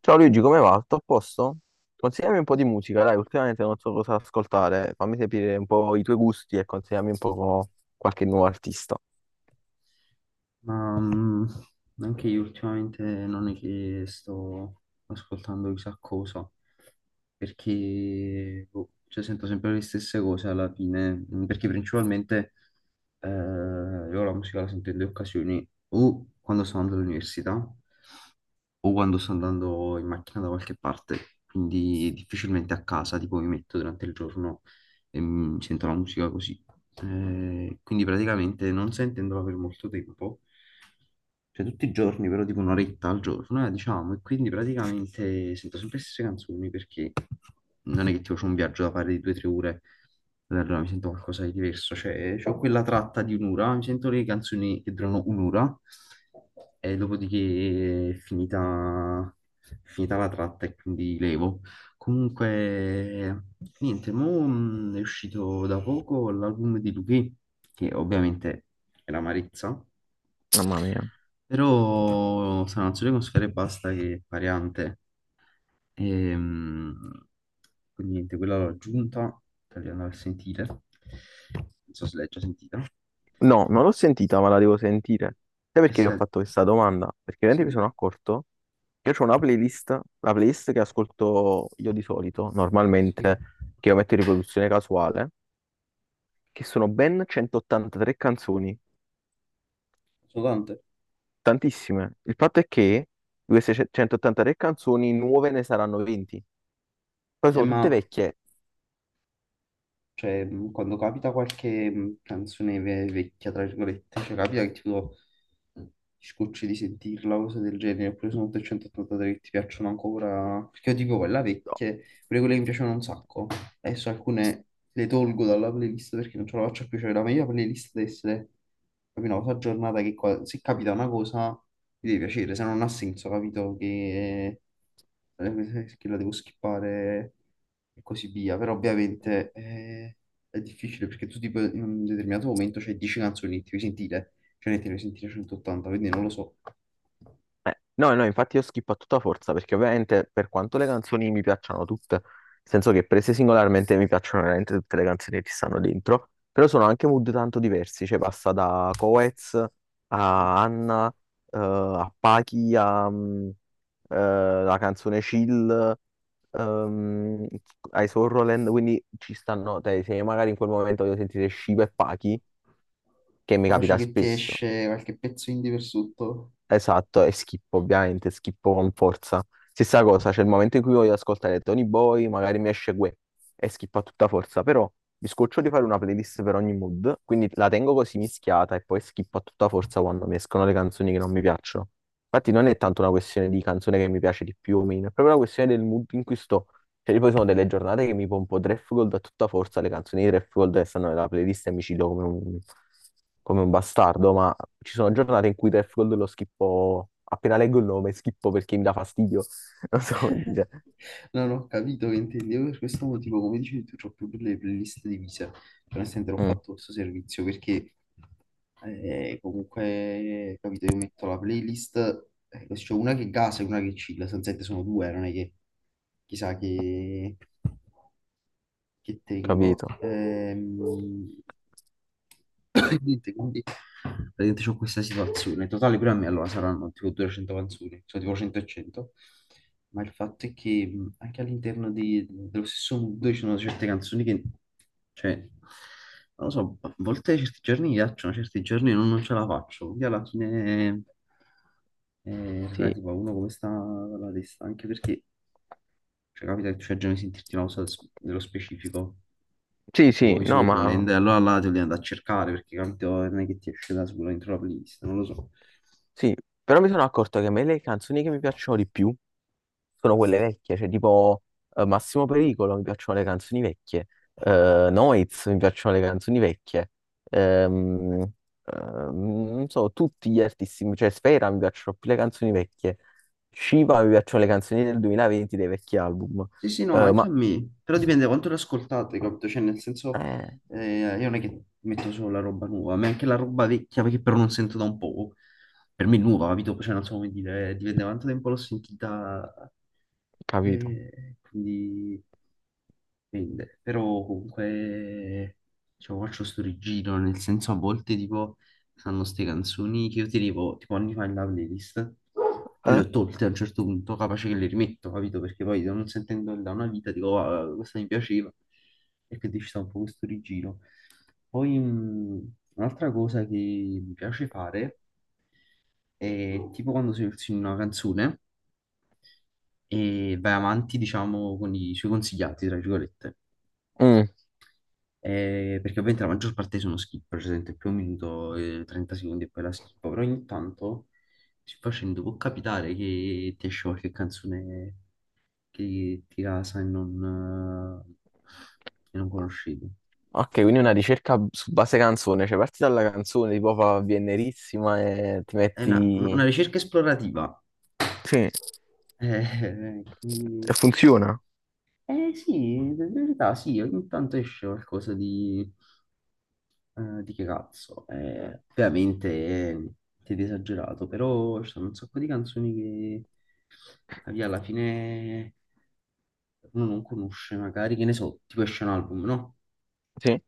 Ciao Luigi, come va? Tutto a posto? Consigliami un po' di musica, dai, ultimamente non so cosa ascoltare. Fammi sapere un po' i tuoi gusti e consigliami un po' qualche nuovo artista. Ma mm, anche io ultimamente non è che sto ascoltando chissà cosa, perché boh, cioè, sento sempre le stesse cose alla fine, perché principalmente io la musica la sento in due occasioni, o quando sto andando all'università, o quando sto andando in macchina da qualche parte, quindi difficilmente a casa, tipo mi metto durante il giorno e mi sento la musica così. Quindi praticamente non sentendola per molto tempo, cioè tutti i giorni, però tipo un'oretta al giorno, diciamo, e quindi praticamente sento sempre le stesse canzoni perché non è che tipo c'ho un viaggio da fare di due o tre ore, allora mi sento qualcosa di diverso, cioè ho quella tratta di un'ora, mi sento le canzoni che durano un'ora e dopodiché è finita la tratta e quindi levo. Comunque, niente, mo è uscito da poco l'album di Luchè, che ovviamente è la Marezza. Mamma mia. Però sarà una solo con sfera e pasta che è variante. Ehm, quindi niente, quella l'ho aggiunta, tagliando per sentire. Non so se l'hai già sentita. No, non l'ho sentita, ma la devo sentire. Sai Eh perché ti sì, ho fatto questa domanda? Perché veramente mi sì, sono accorto che io ho una playlist, la playlist che ascolto io di solito, sì. normalmente, che io metto in riproduzione casuale, che sono ben 183 canzoni, Sono tante. tantissime. Il fatto è che di queste 183 canzoni nuove ne saranno 20. Poi sono tutte Ma vecchie. cioè, quando capita qualche canzone vecchia, tra virgolette, cioè capita che tipo ti scocci di sentirla, cose del genere, oppure sono 883 che ti piacciono ancora, perché io dico quella No. vecchia, pure quelle che mi piacevano un sacco, adesso alcune le tolgo dalla playlist perché non ce la faccio più, cioè la mia playlist deve essere proprio una cosa aggiornata che se capita una cosa mi deve piacere, se no non ha senso, capito? Che la devo skippare e così via. Però ovviamente è difficile perché tu tipo in un determinato momento c'hai 10 canzoni e ti devi sentire, cioè ne ti devi sentire 180, quindi non lo so. No, no, infatti io skippo a tutta forza perché ovviamente per quanto le canzoni mi piacciono tutte, nel senso che prese singolarmente mi piacciono veramente tutte le canzoni che ci stanno dentro, però sono anche mood tanto diversi, cioè passa da Coez Mm. a Anna, a Pachi, la canzone Chill, ehm, ai Sorroland, quindi ci stanno, te, se magari in quel momento voglio sentire Shiva e Pachi, che mi Capace capita che ti spesso, esce qualche pezzo indie per sotto, esatto, e schippo ovviamente, schippo con forza. Stessa cosa, c'è il momento in cui voglio ascoltare Tony Boy, magari mi esce Guè e schippo a tutta forza, però mi scoccio di fare una playlist per ogni mood, quindi la tengo così mischiata e poi schippo a tutta forza quando mi escono le canzoni che non mi piacciono. Infatti non è tanto capito? una questione di canzone che mi piace di più o meno, è proprio una questione del mood in cui sto. Cioè, io poi sono delle giornate che mi pompo Draft Gold a tutta forza, le canzoni di Draft Gold che stanno nella playlist e mi ci do come un bastardo, ma ci sono giornate in cui Draft Gold lo schippo, appena leggo il nome, schippo perché mi dà fastidio. Non so come dire. Non ho capito che intendi. Io per questo motivo, come dicevi tu, ho più le playlist divise. Cioè, nel senso, ho Mm, fatto questo servizio perché comunque, capito, io metto la playlist, così c'è una che gasa e una che chill. Sostanzialmente sono due, non è che chissà che tengo. capito. Niente, quindi praticamente c'ho questa situazione. In totale pure a me allora saranno tipo 200 canzoni, sono tipo 100 e 100. Ma il fatto è che anche all'interno dello stesso mood ci sono certe canzoni che, cioè, non lo so, a volte certi giorni mi piacciono, certi giorni non ce la faccio. Quindi alla fine è Sì. relativo a uno come sta la testa, anche perché cioè, capita che tu hai già sentirti una cosa dello specifico Sì, sì, tipo i no, ma Sorroland, allora là te li andare a cercare perché capito, non è che ti esce da solo dentro la playlist, non lo so. sì, però mi sono accorto che a me le canzoni che mi piacciono di più sono quelle vecchie, cioè tipo Massimo Pericolo mi piacciono le canzoni vecchie, Noiz mi piacciono le canzoni vecchie, ehm, ehm, non so, tutti gli artisti, cioè Sfera mi piacciono più le canzoni vecchie, Shiva mi piacciono le canzoni del 2020 dei vecchi album, Sì, sì, no, ma eh, anche a ma me, però dipende da quanto le ascoltate, capito? Cioè, nel senso, eh, io non è che metto solo la roba nuova, ma anche la roba vecchia che però non sento da un po', per me è nuova, capito? Cioè, non so come dire, dipende da quanto tempo l'ho sentita, capito? Quindi... dipende. Però comunque cioè, faccio sto rigiro, nel senso a volte tipo fanno ste canzoni che io tenevo tipo anni fa in la playlist, che le Eh? ho tolte a un certo punto, capace che le rimetto, capito? Perché poi non sentendo da una vita dico, "Ah, questa mi piaceva", e quindi ci sta un po' questo rigiro. Poi un'altra cosa che mi piace fare è tipo quando si una canzone e vai avanti, diciamo, con i suoi consigliati, tra virgolette. Mm. Perché ovviamente la maggior parte sono skip, per esempio più un minuto e 30 secondi e poi la skippo, però ogni tanto si facendo può capitare che ti esce qualche canzone che ti casa e non conoscevi. Ok, quindi una ricerca su base canzone, cioè parti dalla canzone, tipo fa Viennerissima e ti È una metti. ricerca esplorativa. Sì, Eh, e quindi- funziona. Sì, in verità sì, ogni tanto esce qualcosa di, eh, di che cazzo? Ovviamente è niente di esagerato, però ci sono un sacco di canzoni che capì, alla fine uno non conosce, magari che ne so, tipo esce un album, no? Sì,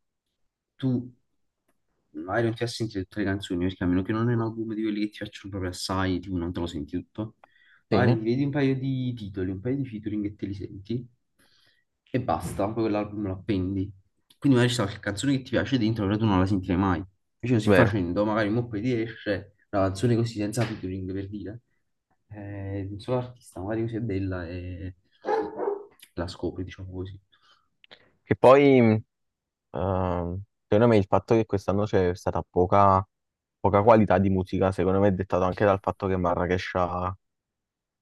Tu magari non ti vai a sentire tutte le canzoni, perché a meno che non è un album di quelli che ti piacciono proprio assai, tipo non te lo senti tutto, magari sì, ti vedi un paio di titoli, un paio di featuring e te li senti, e basta, poi quell'album lo appendi. Quindi magari c'è qualche canzone che ti piace dentro, però tu non la sentirai mai. Invece così vero. facendo, magari mo poi ti esce una canzone così senza featuring, per dire, di un solo artista, magari così è bella e la scopri, diciamo così. Che poi, ehm, secondo me, il fatto che quest'anno c'è stata poca qualità di musica, secondo me è dettato anche dal fatto che Marrakesh ha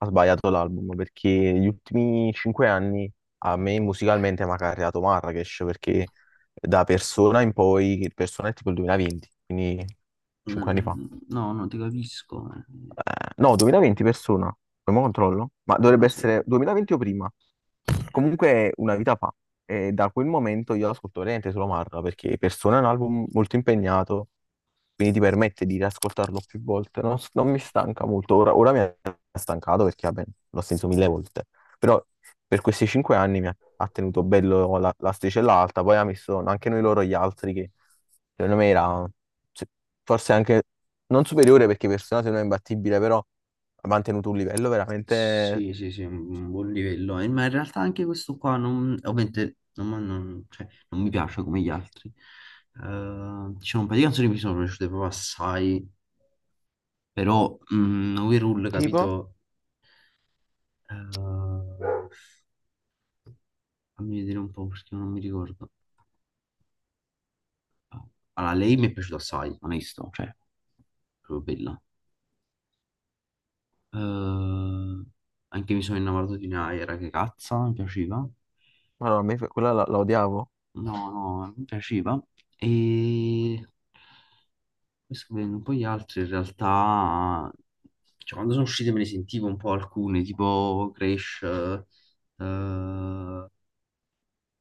sbagliato l'album perché gli ultimi 5 anni a me musicalmente mi ha carriato Marrakesh perché da Persona in poi, Persona è tipo il 2020, quindi 5 anni fa. No, non ti capisco, No, 2020 persona. Poi mo controllo. Ma dovrebbe non so. essere 2020 o prima. Comunque è una vita fa. E da quel momento io ascolto veramente solo Marra perché Persona è un album molto impegnato, quindi ti permette di riascoltarlo più volte. Non mi stanca molto. Ora mi ha stancato perché vabbè, l'ho sentito mille volte. Però per questi 5 anni mi ha tenuto bello la sticella alta, poi ha messo anche noi loro gli altri che secondo me era se- forse anche non superiore perché Personato non è imbattibile, però ha mantenuto un livello veramente Sì, sì, sì, un buon livello. Ma in realtà anche questo qua non, ovviamente non, ma non- cioè, non mi piace come gli altri. Diciamo, un paio di canzoni mi sono piaciute proprio assai, però overall, tipo, capito? Eh, fammi vedere un po' perché non mi ricordo. Allora, lei mi è piaciuta assai, onesto, cioè, proprio bella. Eh, anche mi sono innamorato di Naira, che cazzo, mi piaceva. ma no, a me quella la odiavo. No, no, mi piaceva. E poi sto vedendo un po' gli altri, in realtà, cioè, quando sono uscite me ne sentivo un po' alcune, tipo Crash,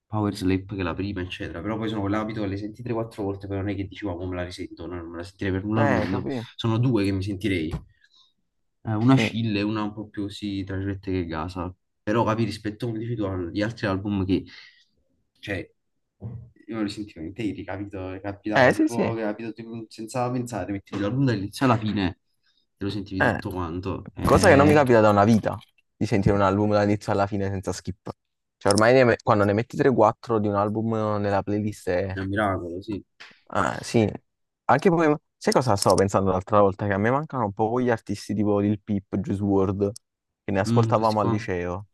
Power Slap, che è la prima, eccetera. Però poi sono quell'abito che le senti 3-4 volte, però non è che dici, "Wow, mo me la risento", no, non me la sentirei per nulla al mondo. Capì? Sono due che mi sentirei. Una Mm. Scilla e una un po' più, sì, tra virgolette, che gasa. Però capi, rispetto, come dici tu, agli altri album che cioè, io lo sentivo interi, capito? Capitava Sì, tipo, sì. capito, tipo, senza pensare, mettevi l'album dall'inizio alla fine e lo sentivi Eh, tutto quanto. Cosa che non mi capita da una vita di sentire un album dall'inizio alla fine senza skip. Cioè, ormai quando ne metti 3-4 di un album nella playlist è. È un miracolo, sì. Ah, sì. Sai cosa stavo pensando l'altra volta? Che a me mancano un po' gli artisti tipo Lil Peep, Juice WRLD, che ne Mm, questi ascoltavamo al qua. liceo.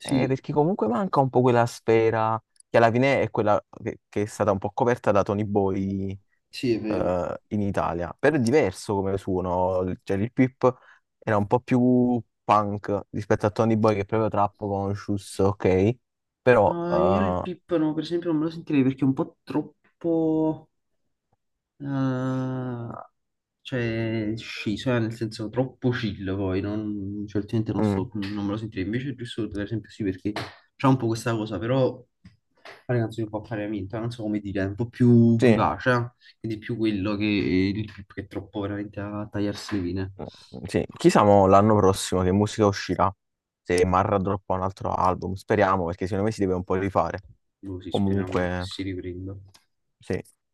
Perché comunque manca un po' quella sfera che, alla fine è quella che è stata un po' coperta da Tony Boy sì, è vero. In Italia. Però è diverso come suono, cioè il Pip era un po' più punk rispetto a Tony Boy che è proprio trap conscious, ok? Però, No, io il Pippano, per esempio, non me lo sentirei perché è un po' troppo... Ah, cioè, sciso, nel senso troppo chill poi, non, cioè, ultimamente non sto, mm, non me lo sentirei, invece giusto per esempio sì, perché c'è un po' questa cosa, però fare canzoni un po' a parimento, non so come dire, è un po' più sì, vivace, eh? Quindi più quello che il trip che è troppo veramente a tagliarsi le vene, sì. Chissà mo l'anno prossimo che musica uscirà, se Marra droppa un altro album, speriamo perché secondo me si deve un po' rifare. così speriamo che Comunque, si riprenda. sì.